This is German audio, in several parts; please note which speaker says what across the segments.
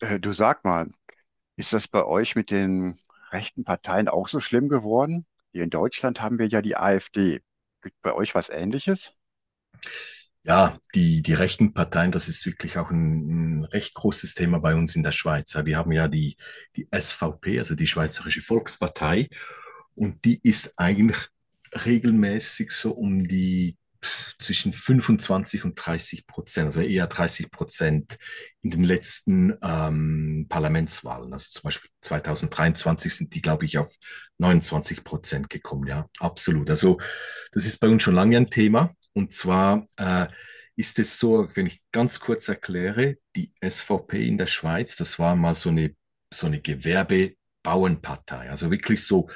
Speaker 1: Du sag mal, ist das bei euch mit den rechten Parteien auch so schlimm geworden? Hier in Deutschland haben wir ja die AfD. Gibt bei euch was Ähnliches?
Speaker 2: Ja, die rechten Parteien, das ist wirklich auch ein recht großes Thema bei uns in der Schweiz. Ja, wir haben ja die SVP, also die Schweizerische Volkspartei, und die ist eigentlich regelmäßig so um die zwischen 25 und 30%, also eher 30% in den letzten Parlamentswahlen. Also zum Beispiel 2023 sind die, glaube ich, auf 29% gekommen. Ja, absolut. Also das ist bei uns schon lange ein Thema. Und zwar ist es so, wenn ich ganz kurz erkläre, die SVP in der Schweiz, das war mal so eine Gewerbebauernpartei, also wirklich so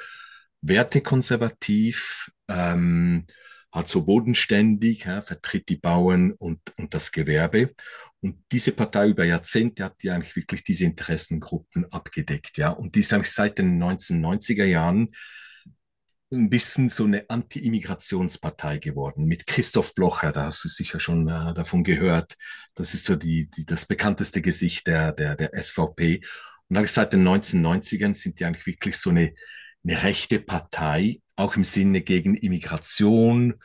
Speaker 2: wertekonservativ, halt so bodenständig, ja, vertritt die Bauern und das Gewerbe. Und diese Partei über Jahrzehnte hat ja eigentlich wirklich diese Interessengruppen abgedeckt, ja. Und die ist eigentlich seit den 1990er Jahren ein bisschen so eine Anti-Immigrationspartei geworden mit Christoph Blocher. Da hast du sicher schon davon gehört. Das ist so das bekannteste Gesicht der SVP. Und eigentlich seit den 1990ern sind die eigentlich wirklich so eine rechte Partei, auch im Sinne gegen Immigration.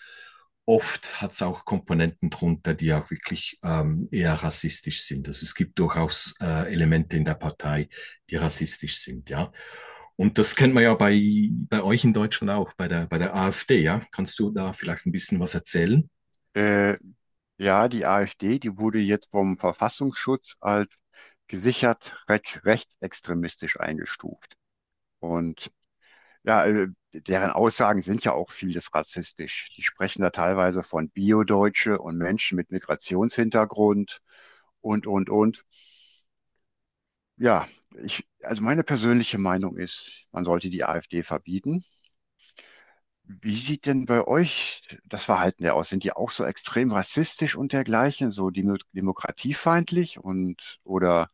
Speaker 2: Oft hat es auch Komponenten drunter, die auch wirklich eher rassistisch sind. Also es gibt durchaus Elemente in der Partei, die rassistisch sind, ja. Und das kennt man ja bei euch in Deutschland auch, bei der AfD, ja. Kannst du da vielleicht ein bisschen was erzählen?
Speaker 1: Äh, ja, die AfD, die wurde jetzt vom Verfassungsschutz als gesichert rechtsextremistisch eingestuft. Und ja, deren Aussagen sind ja auch vieles rassistisch. Die sprechen da teilweise von Biodeutsche und Menschen mit Migrationshintergrund und, und. Ja, also meine persönliche Meinung ist, man sollte die AfD verbieten. Wie sieht denn bei euch das Verhalten der aus? Sind die auch so extrem rassistisch und dergleichen, so demokratiefeindlich und oder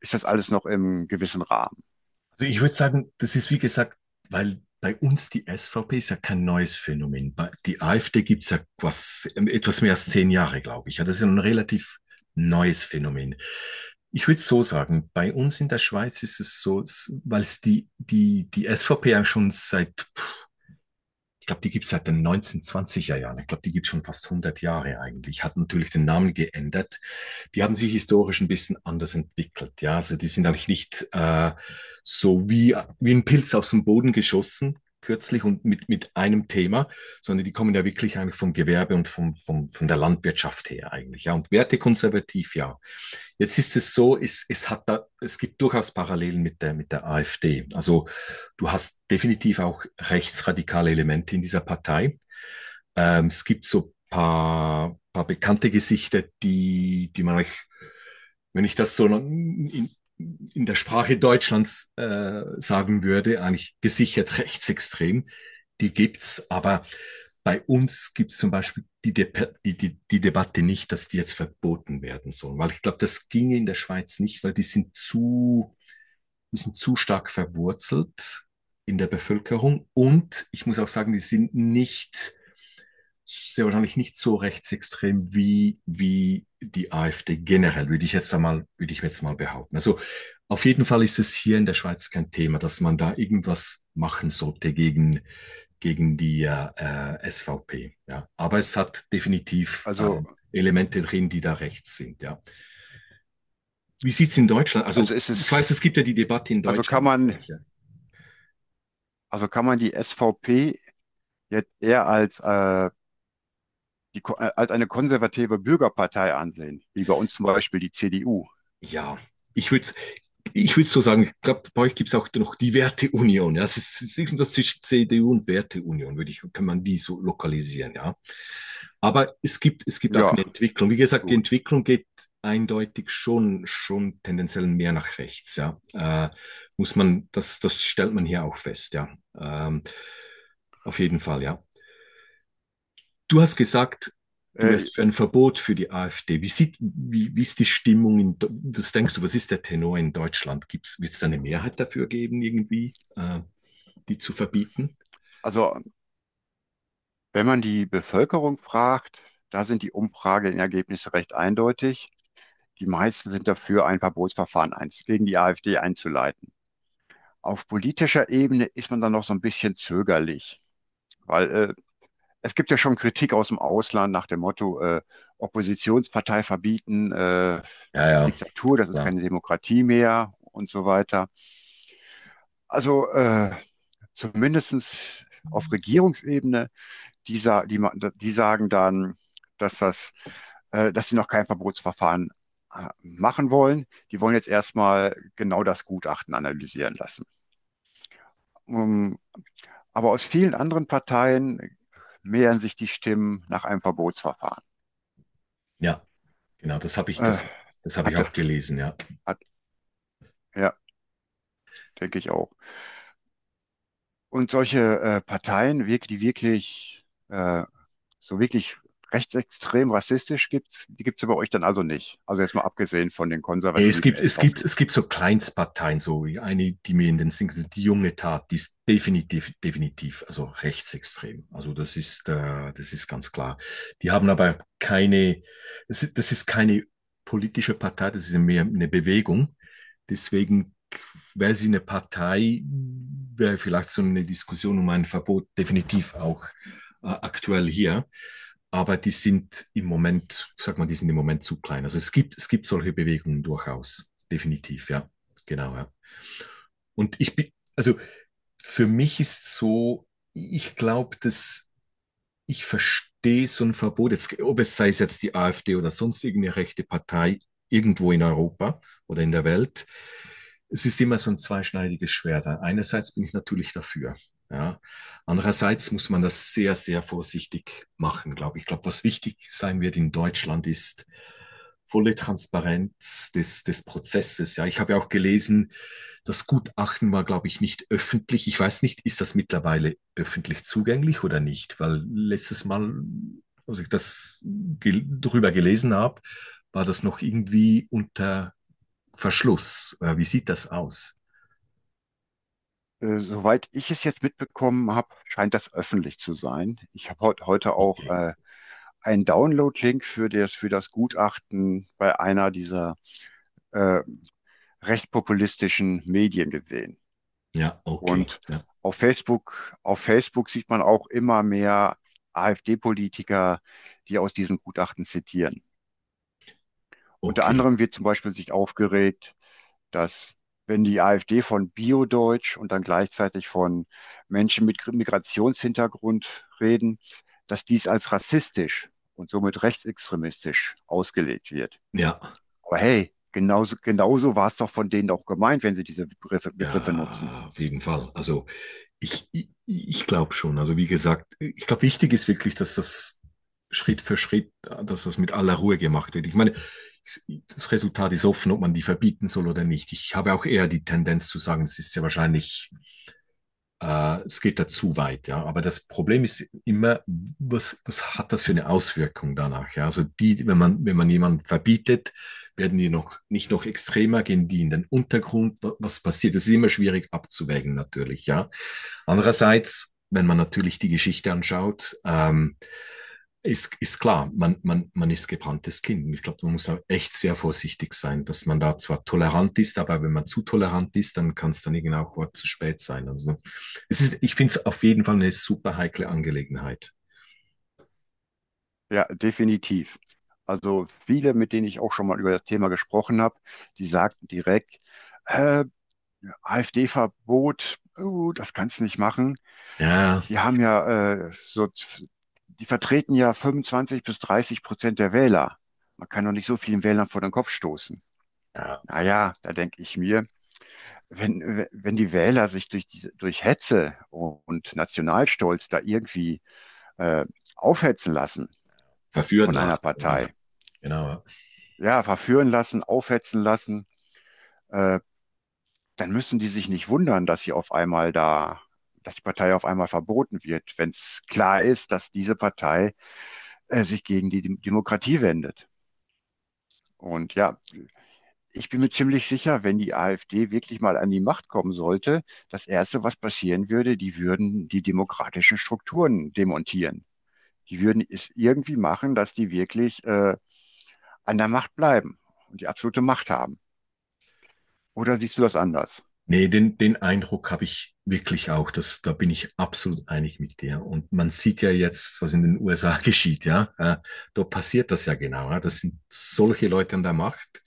Speaker 1: ist das alles noch im gewissen Rahmen?
Speaker 2: Also ich würde sagen, das ist wie gesagt, weil bei uns die SVP ist ja kein neues Phänomen. Die AfD gibt es ja quasi etwas mehr als 10 Jahre, glaube ich. Ja, das ist ja ein relativ neues Phänomen. Ich würde es so sagen, bei uns in der Schweiz ist es so, weil es die SVP ja schon seit ich glaube, die gibt es seit den 1920er Jahren. Ich glaube, die gibt es schon fast 100 Jahre eigentlich. Hat natürlich den Namen geändert, die haben sich historisch ein bisschen anders entwickelt. Ja, also die sind eigentlich nicht so wie ein Pilz aus dem Boden geschossen kürzlich und mit einem Thema, sondern die kommen ja wirklich eigentlich vom Gewerbe und von der Landwirtschaft her eigentlich. Ja, und wertekonservativ, ja. Jetzt ist es so, es hat da, es gibt durchaus Parallelen mit der AfD. Also du hast definitiv auch rechtsradikale Elemente in dieser Partei. Es gibt so paar bekannte Gesichter, die man eigentlich wenn ich das so in der Sprache Deutschlands sagen würde, eigentlich gesichert rechtsextrem. Die gibt's, aber bei uns gibt's zum Beispiel die Debatte nicht, dass die jetzt verboten werden sollen, weil ich glaube, das ginge in der Schweiz nicht, weil die sind zu stark verwurzelt in der Bevölkerung und ich muss auch sagen, die sind nicht sehr wahrscheinlich nicht so rechtsextrem wie die AfD generell, würde ich jetzt mal behaupten. Also auf jeden Fall ist es hier in der Schweiz kein Thema, dass man da irgendwas machen sollte gegen die SVP. Ja. Aber es hat definitiv
Speaker 1: Also,
Speaker 2: Elemente drin, die da rechts sind. Ja. Wie sieht's in Deutschland? Also
Speaker 1: also ist
Speaker 2: ich
Speaker 1: es,
Speaker 2: weiß, es gibt ja die Debatte in
Speaker 1: also kann
Speaker 2: Deutschland.
Speaker 1: man,
Speaker 2: Ja.
Speaker 1: also kann man die SVP jetzt eher als, als eine konservative Bürgerpartei ansehen, wie bei uns zum Beispiel die CDU?
Speaker 2: Ja, ich würde ich würd so sagen, ich glaube, bei euch gibt es auch noch die Werteunion. Ja? Es ist irgendwas zwischen CDU und Werteunion, würde ich, kann man die so lokalisieren, ja. Aber es gibt auch
Speaker 1: Ja,
Speaker 2: eine Entwicklung. Wie gesagt, die
Speaker 1: gut.
Speaker 2: Entwicklung geht eindeutig schon tendenziell mehr nach rechts, ja. Muss man, das stellt man hier auch fest, ja. Ähm, auf jeden Fall, ja. Du hast gesagt, du
Speaker 1: Äh,
Speaker 2: wärst für ein Verbot für die AfD. Wie ist die Stimmung? Was denkst du, was ist der Tenor in Deutschland? Wird es da eine Mehrheit dafür geben, irgendwie, die zu verbieten?
Speaker 1: also, wenn man die Bevölkerung fragt, da sind die Umfrageergebnisse recht eindeutig. Die meisten sind dafür, ein Verbotsverfahren eins gegen die AfD einzuleiten. Auf politischer Ebene ist man dann noch so ein bisschen zögerlich, weil es gibt ja schon Kritik aus dem Ausland nach dem Motto, Oppositionspartei verbieten,
Speaker 2: Ja,
Speaker 1: das ist
Speaker 2: ja,
Speaker 1: Diktatur, das ist
Speaker 2: klar.
Speaker 1: keine Demokratie mehr und so weiter. Also zumindest auf Regierungsebene die, sa die, ma- die sagen dann, dass das, dass sie noch kein Verbotsverfahren machen wollen. Die wollen jetzt erstmal genau das Gutachten analysieren lassen. Ähm, aber aus vielen anderen Parteien mehren sich die Stimmen nach einem Verbotsverfahren.
Speaker 2: Ja, genau, das habe ich,
Speaker 1: Äh,
Speaker 2: das, das hab ich
Speaker 1: hatte,
Speaker 2: auch gelesen, ja.
Speaker 1: hat, ja, denke ich auch. Und solche Parteien, die wirklich, so wirklich rechtsextrem rassistisch gibt, die gibt es bei euch dann also nicht. Also jetzt mal abgesehen von den
Speaker 2: Nee, es
Speaker 1: konservativen
Speaker 2: gibt, es gibt,
Speaker 1: SVP.
Speaker 2: es gibt so Kleinstparteien, so wie eine, die mir in den Sinn kommt, die junge Tat, die ist definitiv, definitiv, also rechtsextrem. Also das ist ganz klar. Die haben aber keine, das ist keine politische Partei, das ist ja mehr eine Bewegung. Deswegen wäre sie eine Partei, wäre vielleicht so eine Diskussion um ein Verbot definitiv auch aktuell hier. Aber die sind im Moment, ich sag mal, die sind im Moment zu klein. Also es gibt solche Bewegungen durchaus. Definitiv, ja. Genau, ja. Und ich bin, also für mich ist so, ich glaube, dass ich verstehe so ein Verbot, jetzt, ob es sei es jetzt die AfD oder sonst irgendeine rechte Partei irgendwo in Europa oder in der Welt. Es ist immer so ein zweischneidiges Schwert. Einerseits bin ich natürlich dafür. Ja. Andererseits muss man das sehr vorsichtig machen, glaube ich. Ich glaube, was wichtig sein wird in Deutschland ist volle Transparenz des Prozesses. Ja, ich habe ja auch gelesen, das Gutachten war, glaube ich, nicht öffentlich. Ich weiß nicht, ist das mittlerweile öffentlich zugänglich oder nicht? Weil letztes Mal, als ich das drüber gelesen habe, war das noch irgendwie unter Verschluss. Wie sieht das aus?
Speaker 1: Soweit ich es jetzt mitbekommen habe, scheint das öffentlich zu sein. Ich habe heute auch
Speaker 2: Okay.
Speaker 1: einen Download-Link für das Gutachten bei einer dieser äh, recht populistischen Medien gesehen.
Speaker 2: Ja, okay.
Speaker 1: Und
Speaker 2: Ja,
Speaker 1: auf Facebook sieht man auch immer mehr AfD-Politiker, die aus diesem Gutachten zitieren. Unter
Speaker 2: okay.
Speaker 1: anderem wird zum Beispiel sich aufgeregt, dass wenn die AfD von Bio-Deutsch und dann gleichzeitig von Menschen mit Migrationshintergrund reden, dass dies als rassistisch und somit rechtsextremistisch ausgelegt wird.
Speaker 2: Ja.
Speaker 1: Aber hey, genauso, genauso war es doch von denen auch gemeint, wenn sie diese Begriffe nutzen.
Speaker 2: Ja, auf jeden Fall. Also ich glaube schon. Also wie gesagt, ich glaube, wichtig ist wirklich, dass das Schritt für Schritt, dass das mit aller Ruhe gemacht wird. Ich meine, das Resultat ist offen, ob man die verbieten soll oder nicht. Ich habe auch eher die Tendenz zu sagen, es ist ja wahrscheinlich es geht da zu weit, ja. Aber das Problem ist immer, was hat das für eine Auswirkung danach? Ja? Also die, wenn man jemanden verbietet, werden die noch nicht noch extremer, gehen die in den Untergrund. Was passiert? Das ist immer schwierig abzuwägen, natürlich, ja. Andererseits, wenn man natürlich die Geschichte anschaut, ist, ist klar, man ist gebranntes Kind. Und ich glaube, man muss da echt sehr vorsichtig sein, dass man da zwar tolerant ist, aber wenn man zu tolerant ist, dann kann es dann irgendwann auch zu spät sein. Also es ist, ich finde es auf jeden Fall eine super heikle Angelegenheit.
Speaker 1: Ja, definitiv. Also viele, mit denen ich auch schon mal über das Thema gesprochen habe, die sagten direkt, äh, AfD-Verbot, oh, das kannst du nicht machen.
Speaker 2: Ja,
Speaker 1: Die haben ja die vertreten ja 25 bis 30% der Wähler. Man kann doch nicht so vielen Wählern vor den Kopf stoßen.
Speaker 2: ja
Speaker 1: Naja, da denke ich mir, wenn die Wähler sich durch Hetze und Nationalstolz da irgendwie äh, aufhetzen lassen
Speaker 2: verführen
Speaker 1: von einer
Speaker 2: lassen.
Speaker 1: Partei,
Speaker 2: Genau.
Speaker 1: ja, verführen lassen, aufhetzen lassen, äh, dann müssen die sich nicht wundern, dass die Partei auf einmal verboten wird, wenn es klar ist, dass diese Partei sich gegen die Demokratie wendet. Und ja, ich bin mir ziemlich sicher, wenn die AfD wirklich mal an die Macht kommen sollte, das Erste, was passieren würde, die würden die demokratischen Strukturen demontieren. Die würden es irgendwie machen, dass die wirklich an der Macht bleiben und die absolute Macht haben. Oder siehst du das anders?
Speaker 2: Nee, den Eindruck habe ich wirklich auch. Da bin ich absolut einig mit dir. Und man sieht ja jetzt, was in den USA geschieht, ja. Da passiert das ja genau. Ja? Das sind solche Leute an der Macht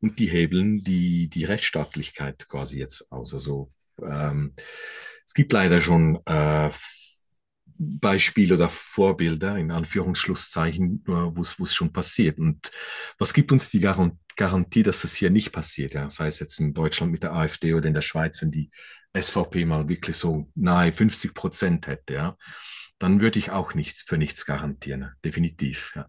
Speaker 2: und die hebeln die Rechtsstaatlichkeit quasi jetzt aus. Also ähm, es gibt leider schon Beispiele oder Vorbilder in Anführungsschlusszeichen, wo es schon passiert. Und was gibt uns die Garantie, dass das hier nicht passiert? Ja? Sei es jetzt in Deutschland mit der AfD oder in der Schweiz, wenn die SVP mal wirklich so nahe 50% hätte, ja? Dann würde ich auch nichts für nichts garantieren, definitiv. Ja?